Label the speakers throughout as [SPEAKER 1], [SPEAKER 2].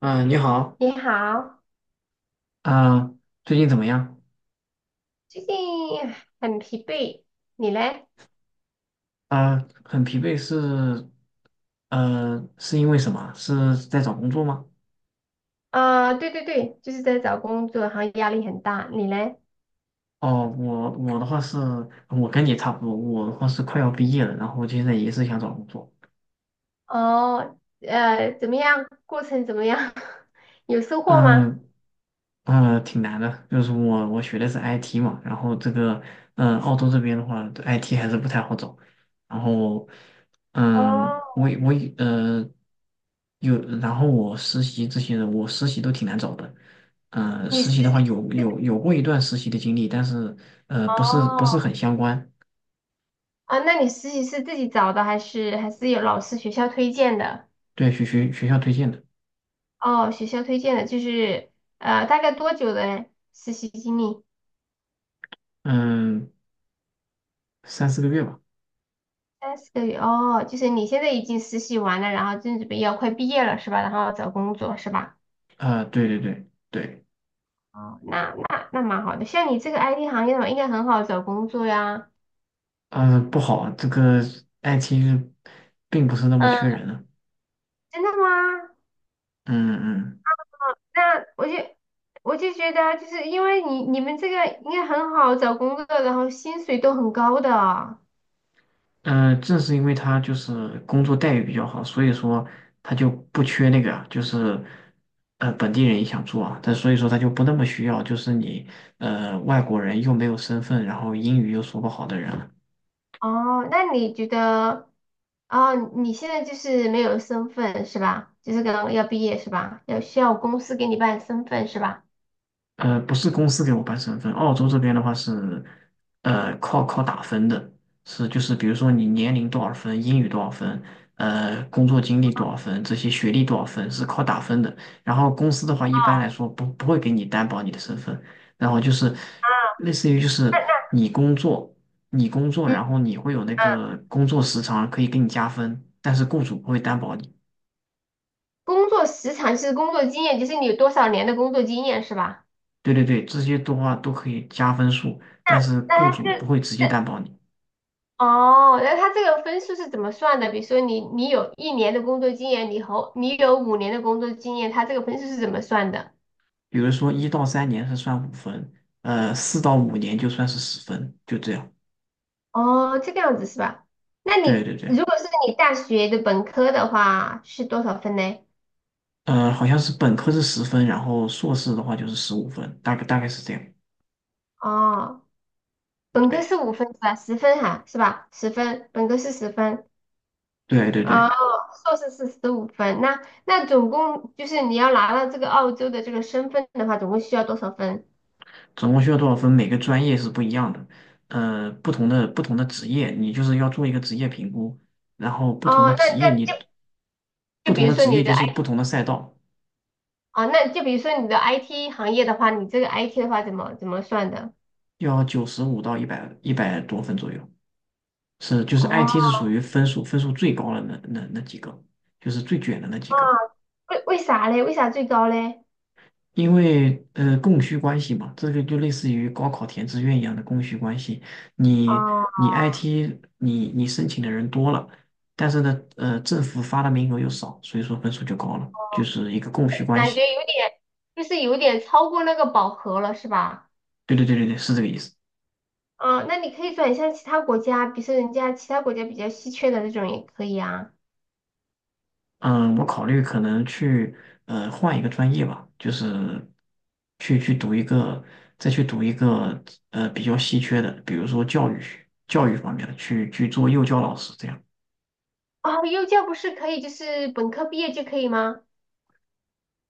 [SPEAKER 1] 嗯，你好。
[SPEAKER 2] 你好，
[SPEAKER 1] 啊、最近怎么样？
[SPEAKER 2] 最近很疲惫，你嘞？
[SPEAKER 1] 很疲惫是。呃，是因为什么？是在找工作吗？
[SPEAKER 2] 啊、对对对，就是在找工作，然后压力很大，你嘞？
[SPEAKER 1] 哦，我的话是，我跟你差不多。我的话是快要毕业了，然后现在也是想找工作。
[SPEAKER 2] 哦，怎么样？过程怎么样？有收获吗？
[SPEAKER 1] 嗯、嗯，挺难的。就是我学的是 IT 嘛，然后这个，澳洲这边的话，IT 还是不太好找。然后，
[SPEAKER 2] 哦，
[SPEAKER 1] 嗯，我呃有，然后我实习这些的，我实习都挺难找的。
[SPEAKER 2] 你
[SPEAKER 1] 实
[SPEAKER 2] 实
[SPEAKER 1] 习
[SPEAKER 2] 习
[SPEAKER 1] 的话有过一段实习的经历，但是不是
[SPEAKER 2] 哦
[SPEAKER 1] 不是很相关。
[SPEAKER 2] 啊，那你实习是自己找的，还是有老师学校推荐的？
[SPEAKER 1] 对，学校推荐的。
[SPEAKER 2] 哦，学校推荐的，就是大概多久的实习经历？
[SPEAKER 1] 嗯，3、4个月吧。
[SPEAKER 2] 三四个月哦，就是你现在已经实习完了，然后正准备要快毕业了是吧？然后找工作是吧？
[SPEAKER 1] 啊、对对对对，
[SPEAKER 2] 哦，那蛮好的。像你这个 IT 行业的话，应该很好找工作呀。
[SPEAKER 1] 嗯、不好。这个 IT 并不是那么
[SPEAKER 2] 嗯，
[SPEAKER 1] 缺人啊。
[SPEAKER 2] 真的吗？
[SPEAKER 1] 嗯
[SPEAKER 2] 那我就觉得啊，就是因为你们这个应该很好找工作，然后薪水都很高的。
[SPEAKER 1] 嗯，呃，正是因为他就是工作待遇比较好，所以说他就不缺那个啊。就是本地人也想做啊，但所以说他就不那么需要。就是你外国人又没有身份，然后英语又说不好的人。
[SPEAKER 2] 哦，那你觉得，哦，你现在就是没有身份是吧？就是刚刚要毕业是吧？要需要公司给你办身份是吧？
[SPEAKER 1] 呃，不是公司给我办身份。澳洲这边的话是，呃，靠打分的。是就是比如说你年龄多少分，英语多少分，呃，工作经历多少分，这些学历多少分是靠打分的。然后公司的话，一
[SPEAKER 2] 哦，
[SPEAKER 1] 般来说不会给你担保你的身份，然后就是类似于，就是
[SPEAKER 2] 那
[SPEAKER 1] 你工作，你工作，
[SPEAKER 2] 那
[SPEAKER 1] 然后你会有那个工作时长可以给你加分，但是雇主不会担保你。
[SPEAKER 2] 工作时长是工作经验，就是你有多少年的工作经验是吧？
[SPEAKER 1] 对对对这些的话都可以加分数，但是雇
[SPEAKER 2] 那
[SPEAKER 1] 主不
[SPEAKER 2] 这
[SPEAKER 1] 会直接担保你。
[SPEAKER 2] 哦，那他这个分数是怎么算的？比如说你有一年的工作经验，你和你有五年的工作经验，他这个分数是怎么算的？
[SPEAKER 1] 比如说1到3年是算五分，呃，4到5年就算是十分，就这样。
[SPEAKER 2] 哦，这个样子是吧？那
[SPEAKER 1] 对
[SPEAKER 2] 你
[SPEAKER 1] 对对，
[SPEAKER 2] 如果是你大学的本科的话是多少分呢？
[SPEAKER 1] 呃，好像是本科是十分，然后硕士的话就是15分，大概大概是这样。
[SPEAKER 2] 哦，本科是
[SPEAKER 1] 对
[SPEAKER 2] 五分是吧？十分哈是吧？十分，本科是十分。
[SPEAKER 1] 对对
[SPEAKER 2] 哦，
[SPEAKER 1] 对，
[SPEAKER 2] 硕士是十五分。那总共就是你要拿到这个澳洲的这个身份的话，总共需要多少分？
[SPEAKER 1] 总共需要多少分？每个专业是不一样的。呃，不同的职业，你就是要做一个职业评估，然后不同
[SPEAKER 2] 哦，
[SPEAKER 1] 的
[SPEAKER 2] 那
[SPEAKER 1] 职业
[SPEAKER 2] 那就
[SPEAKER 1] 你
[SPEAKER 2] 就
[SPEAKER 1] 不
[SPEAKER 2] 比
[SPEAKER 1] 同
[SPEAKER 2] 如
[SPEAKER 1] 的
[SPEAKER 2] 说
[SPEAKER 1] 职业
[SPEAKER 2] 你
[SPEAKER 1] 就
[SPEAKER 2] 的。
[SPEAKER 1] 是不同的赛道。
[SPEAKER 2] 啊，那就比如说你的 IT 行业的话，你这个 IT 的话怎么算的？
[SPEAKER 1] 要95到100、100多分左右，是就是
[SPEAKER 2] 哦，
[SPEAKER 1] IT 是属于分数最高的那几个。就是最卷的那几
[SPEAKER 2] 啊
[SPEAKER 1] 个。
[SPEAKER 2] 为啥嘞？为啥最高嘞？
[SPEAKER 1] 因为供需关系嘛，这个就类似于高考填志愿一样的供需关系。你
[SPEAKER 2] 哦，
[SPEAKER 1] 你 IT 你申请的人多了，但是呢，呃，政府发的名额又少，所以说分数就高了，就是一个供需关
[SPEAKER 2] 感觉
[SPEAKER 1] 系。
[SPEAKER 2] 有点，就是有点超过那个饱和了，是吧？
[SPEAKER 1] 对对对对对是这个意思。
[SPEAKER 2] 嗯，那你可以转向其他国家，比如说人家其他国家比较稀缺的那种也可以啊。
[SPEAKER 1] 嗯，我考虑可能去呃换一个专业吧。就是去读一个，再去读一个比较稀缺的，比如说教育学、教育方面的，去做幼教老师这样。
[SPEAKER 2] 啊，幼教不是可以就是本科毕业就可以吗？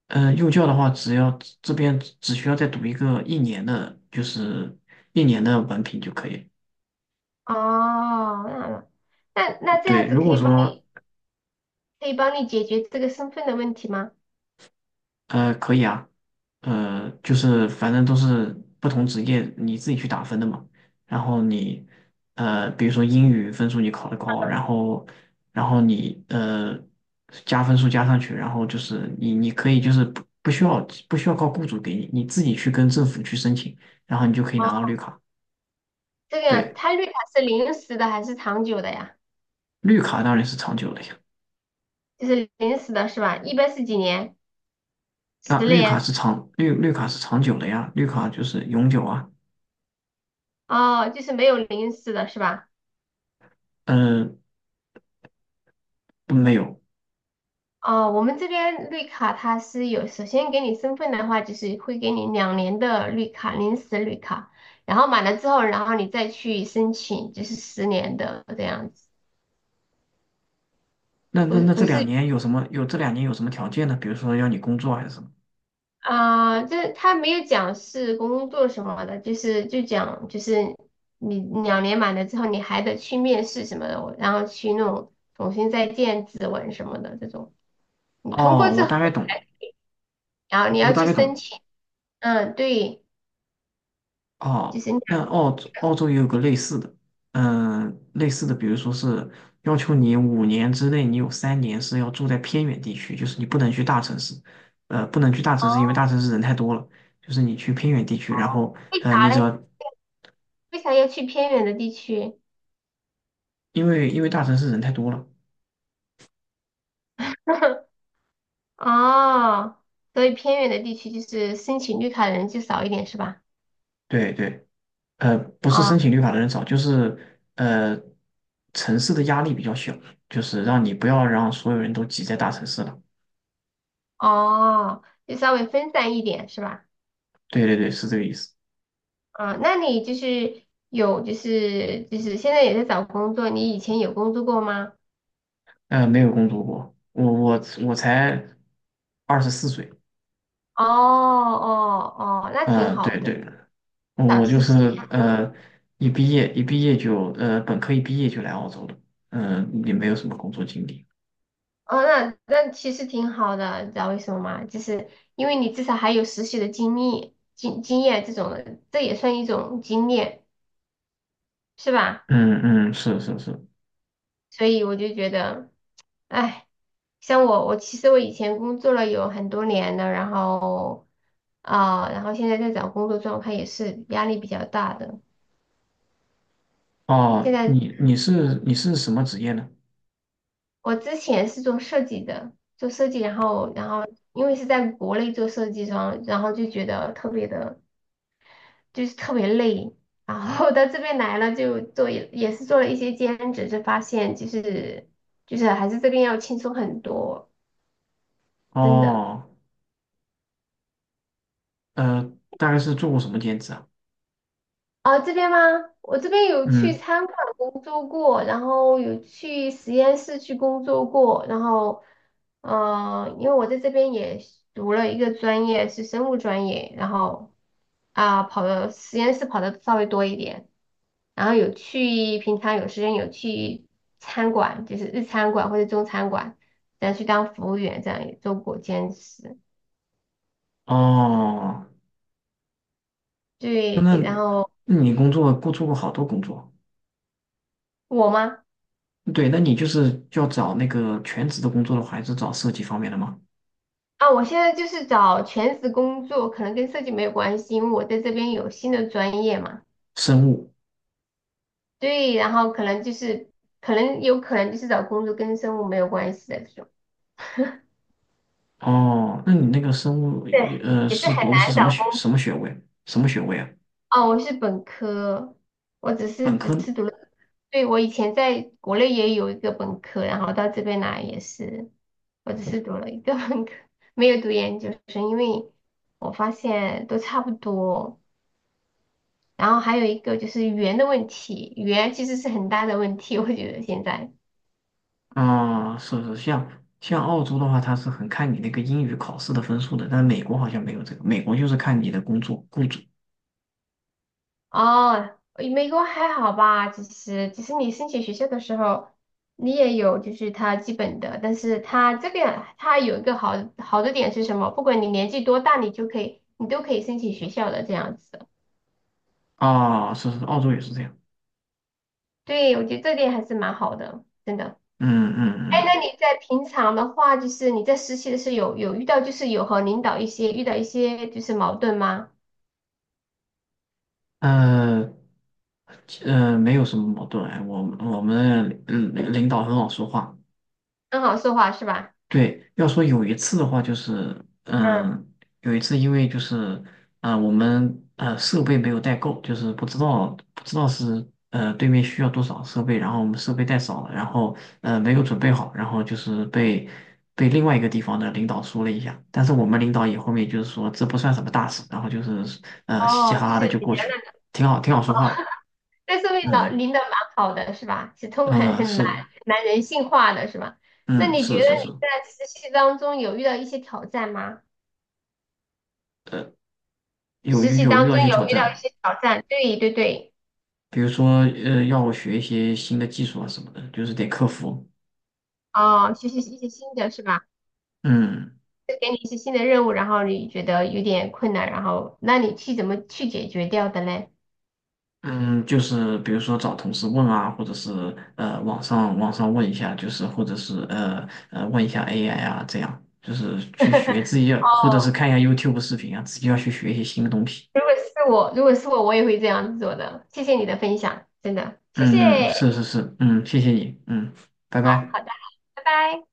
[SPEAKER 1] 呃，幼教的话，只要这边只需要再读一个一年的，就是1年的文凭就可以。
[SPEAKER 2] 哦，那这
[SPEAKER 1] 对，
[SPEAKER 2] 样子
[SPEAKER 1] 如
[SPEAKER 2] 可以
[SPEAKER 1] 果
[SPEAKER 2] 帮
[SPEAKER 1] 说
[SPEAKER 2] 你可以帮你解决这个身份的问题吗？
[SPEAKER 1] 可以啊。呃，就是反正都是不同职业你自己去打分的嘛。然后你，呃，比如说英语分数你考得高，然后然后你加分数加上去，然后就是你你可以，就是不需要靠雇主给你，你自己去跟政府去申请，然后你就可以
[SPEAKER 2] 哦，
[SPEAKER 1] 拿到绿卡。
[SPEAKER 2] 这个样，
[SPEAKER 1] 对。
[SPEAKER 2] 他绿卡是临时的还是长久的呀？
[SPEAKER 1] 绿卡当然是长久的。
[SPEAKER 2] 就是临时的是吧？一般是几年？
[SPEAKER 1] 那
[SPEAKER 2] 十
[SPEAKER 1] 绿卡
[SPEAKER 2] 年？
[SPEAKER 1] 是长绿卡是长久的呀，绿卡就是永久啊。
[SPEAKER 2] 哦，就是没有临时的是吧？
[SPEAKER 1] 嗯、不没有。
[SPEAKER 2] 哦，我们这边绿卡它是有，首先给你身份的话，就是会给你两年的绿卡，临时绿卡，然后满了之后，然后你再去申请，就是十年的这样子，
[SPEAKER 1] 那
[SPEAKER 2] 不
[SPEAKER 1] 那
[SPEAKER 2] 是
[SPEAKER 1] 那这
[SPEAKER 2] 不是
[SPEAKER 1] 两年有什么？有这两年有什么条件呢？比如说要你工作还是什么？
[SPEAKER 2] 啊，这、他没有讲是工作什么的，就是你两年满了之后，你还得去面试什么的，然后去那种重新再建指纹什么的这种。你通过
[SPEAKER 1] 哦，
[SPEAKER 2] 之后，然后你
[SPEAKER 1] 我
[SPEAKER 2] 要
[SPEAKER 1] 大
[SPEAKER 2] 去
[SPEAKER 1] 概
[SPEAKER 2] 申
[SPEAKER 1] 懂。
[SPEAKER 2] 请。嗯，对，就
[SPEAKER 1] 哦，
[SPEAKER 2] 是你
[SPEAKER 1] 那
[SPEAKER 2] 要
[SPEAKER 1] 澳
[SPEAKER 2] 你
[SPEAKER 1] 洲
[SPEAKER 2] 要
[SPEAKER 1] 澳洲也有个类似的。类似的，比如说是要求你5年之内，你有三年是要住在偏远地区，就是你不能去大城市。呃，不能去大城市，因为大城市人太多了。就是你去偏远地区，然
[SPEAKER 2] 哦
[SPEAKER 1] 后，
[SPEAKER 2] 为
[SPEAKER 1] 你
[SPEAKER 2] 啥
[SPEAKER 1] 只要
[SPEAKER 2] 嘞？为啥要去偏远的地区？
[SPEAKER 1] 因为大城市人太多了。
[SPEAKER 2] 哦，所以偏远的地区就是申请绿卡的人就少一点是吧？
[SPEAKER 1] 对，呃，不是
[SPEAKER 2] 哦
[SPEAKER 1] 申请绿卡的人少，就是呃，城市的压力比较小，就是让你不要让所有人都挤在大城市了。
[SPEAKER 2] 哦，就稍微分散一点是吧？
[SPEAKER 1] 对对对是这个意思。
[SPEAKER 2] 啊，那你就是有就是现在也在找工作，你以前有工作过吗？
[SPEAKER 1] 呃，没有工作过，我我我才24岁。
[SPEAKER 2] 哦哦哦，那挺
[SPEAKER 1] 嗯，
[SPEAKER 2] 好
[SPEAKER 1] 对
[SPEAKER 2] 的，
[SPEAKER 1] 对，
[SPEAKER 2] 找
[SPEAKER 1] 我就
[SPEAKER 2] 实习。
[SPEAKER 1] 是一毕业就，本科一毕业就来澳洲了。也没有什么工作经历。
[SPEAKER 2] 哦，那其实挺好的，你知道为什么吗？就是因为你至少还有实习的经历、经验这种的，这也算一种经验，是吧？
[SPEAKER 1] 嗯，是。
[SPEAKER 2] 所以我就觉得，哎，像我其实我以前工作了有很多年了，然后啊、然后现在在找工作状态也是压力比较大的。现
[SPEAKER 1] 哦，
[SPEAKER 2] 在
[SPEAKER 1] 你是你是什么职业呢？
[SPEAKER 2] 我之前是做设计的，做设计，然后因为是在国内做设计，装，然后就觉得特别的。就是特别累。然后到这边来了，就做也是做了一些兼职，就发现就是还是这边要轻松很多，真的。
[SPEAKER 1] 哦。呃，大概是做过什么兼职啊？
[SPEAKER 2] 啊，这边吗？我这边有去
[SPEAKER 1] 嗯。
[SPEAKER 2] 餐馆工作过，然后有去实验室去工作过，然后，因为我在这边也读了一个专业是生物专业，然后啊，跑的实验室跑的稍微多一点，然后有去平常有时间有去餐馆，就是日餐馆或者中餐馆，然后去当服务员，这样也做过兼职。
[SPEAKER 1] 哦，那
[SPEAKER 2] 对，
[SPEAKER 1] 那
[SPEAKER 2] 然后
[SPEAKER 1] 那你工作过做过好多工作。
[SPEAKER 2] 我吗？
[SPEAKER 1] 对，那你就是要找那个全职的工作的话，还是找设计方面的吗？
[SPEAKER 2] 啊，我现在就是找全职工作，可能跟设计没有关系，因为我在这边有新的专业嘛。
[SPEAKER 1] 生物，
[SPEAKER 2] 对，然后可能有可能就是找工作跟生物没有关系的这种。
[SPEAKER 1] 哦，那你那个生物，
[SPEAKER 2] 对，
[SPEAKER 1] 呃，
[SPEAKER 2] 也是
[SPEAKER 1] 是
[SPEAKER 2] 很
[SPEAKER 1] 读的是
[SPEAKER 2] 难
[SPEAKER 1] 什么
[SPEAKER 2] 找
[SPEAKER 1] 学
[SPEAKER 2] 工。
[SPEAKER 1] 什么学位？什么学位啊？
[SPEAKER 2] 哦，我是本科，我只是
[SPEAKER 1] 本
[SPEAKER 2] 只
[SPEAKER 1] 科
[SPEAKER 2] 是读了，对，我以前在国内也有一个本科，然后到这边来也是，我只是读了一个本科，没有读研究生，因为我发现都差不多。然后还有一个就是语言的问题，语言其实是很大的问题，我觉得现在
[SPEAKER 1] 啊，是，像澳洲的话，它是很看你那个英语考试的分数的，但美国好像没有这个，美国就是看你的工作雇主
[SPEAKER 2] 哦，美国还好吧，其实你申请学校的时候，你也有就是它基本的，但是它这个它有一个好好的点是什么？不管你年纪多大，你都可以申请学校的这样子。
[SPEAKER 1] 啊。是，澳洲也是这样。
[SPEAKER 2] 对，我觉得这点还是蛮好的，真的。
[SPEAKER 1] 嗯嗯
[SPEAKER 2] 哎，
[SPEAKER 1] 嗯。
[SPEAKER 2] 那你在平常的话，就是你在实习的时候有遇到就是有和领导一些遇到一些就是矛盾吗？
[SPEAKER 1] 呃，没有什么矛盾。哎，我们领导很好说话。
[SPEAKER 2] 很好说话是吧？
[SPEAKER 1] 对，要说有一次的话，就是
[SPEAKER 2] 嗯。
[SPEAKER 1] 嗯，有一次因为就是我们设备没有带够。就是不知道是对面需要多少设备，然后我们设备带少了，然后没有准备好。然后就是被被另外一个地方的领导说了一下，但是我们领导也后面就是说这不算什么大事，然后就是嘻嘻
[SPEAKER 2] 哦，
[SPEAKER 1] 哈
[SPEAKER 2] 就
[SPEAKER 1] 哈的
[SPEAKER 2] 是
[SPEAKER 1] 就
[SPEAKER 2] 比
[SPEAKER 1] 过
[SPEAKER 2] 较那
[SPEAKER 1] 去。
[SPEAKER 2] 个，
[SPEAKER 1] 挺好说话的。
[SPEAKER 2] 但是
[SPEAKER 1] 嗯。
[SPEAKER 2] 领导蛮好的是吧？是通很
[SPEAKER 1] 啊，
[SPEAKER 2] 很
[SPEAKER 1] 是。
[SPEAKER 2] 蛮人性化的是吧？那
[SPEAKER 1] 嗯，
[SPEAKER 2] 你觉
[SPEAKER 1] 是
[SPEAKER 2] 得
[SPEAKER 1] 是是，
[SPEAKER 2] 你在实习当中有遇到一些挑战吗？
[SPEAKER 1] 有
[SPEAKER 2] 实
[SPEAKER 1] 遇
[SPEAKER 2] 习
[SPEAKER 1] 有
[SPEAKER 2] 当
[SPEAKER 1] 遇
[SPEAKER 2] 中
[SPEAKER 1] 到一些挑
[SPEAKER 2] 有遇到一
[SPEAKER 1] 战。
[SPEAKER 2] 些挑战，对对对，
[SPEAKER 1] 比如说，要学一些新的技术啊什么的，就是得克服。
[SPEAKER 2] 哦，学习一些新的是吧？
[SPEAKER 1] 嗯
[SPEAKER 2] 就给你一些新的任务，然后你觉得有点困难，然后那你去怎么去解决掉的嘞？
[SPEAKER 1] 嗯，就是比如说找同事问啊，或者是网上问一下。就是或者是问一下 AI 啊，这样就是去学自己 要，
[SPEAKER 2] 哦，
[SPEAKER 1] 或者是看一下 YouTube 视频啊，自己要去学一些新的东西。
[SPEAKER 2] 如果是我，如果是我，我也会这样子做的。谢谢你的分享，真的，谢
[SPEAKER 1] 嗯，
[SPEAKER 2] 谢。
[SPEAKER 1] 是，嗯，谢谢你。嗯，拜
[SPEAKER 2] 好
[SPEAKER 1] 拜。
[SPEAKER 2] 好的，拜拜。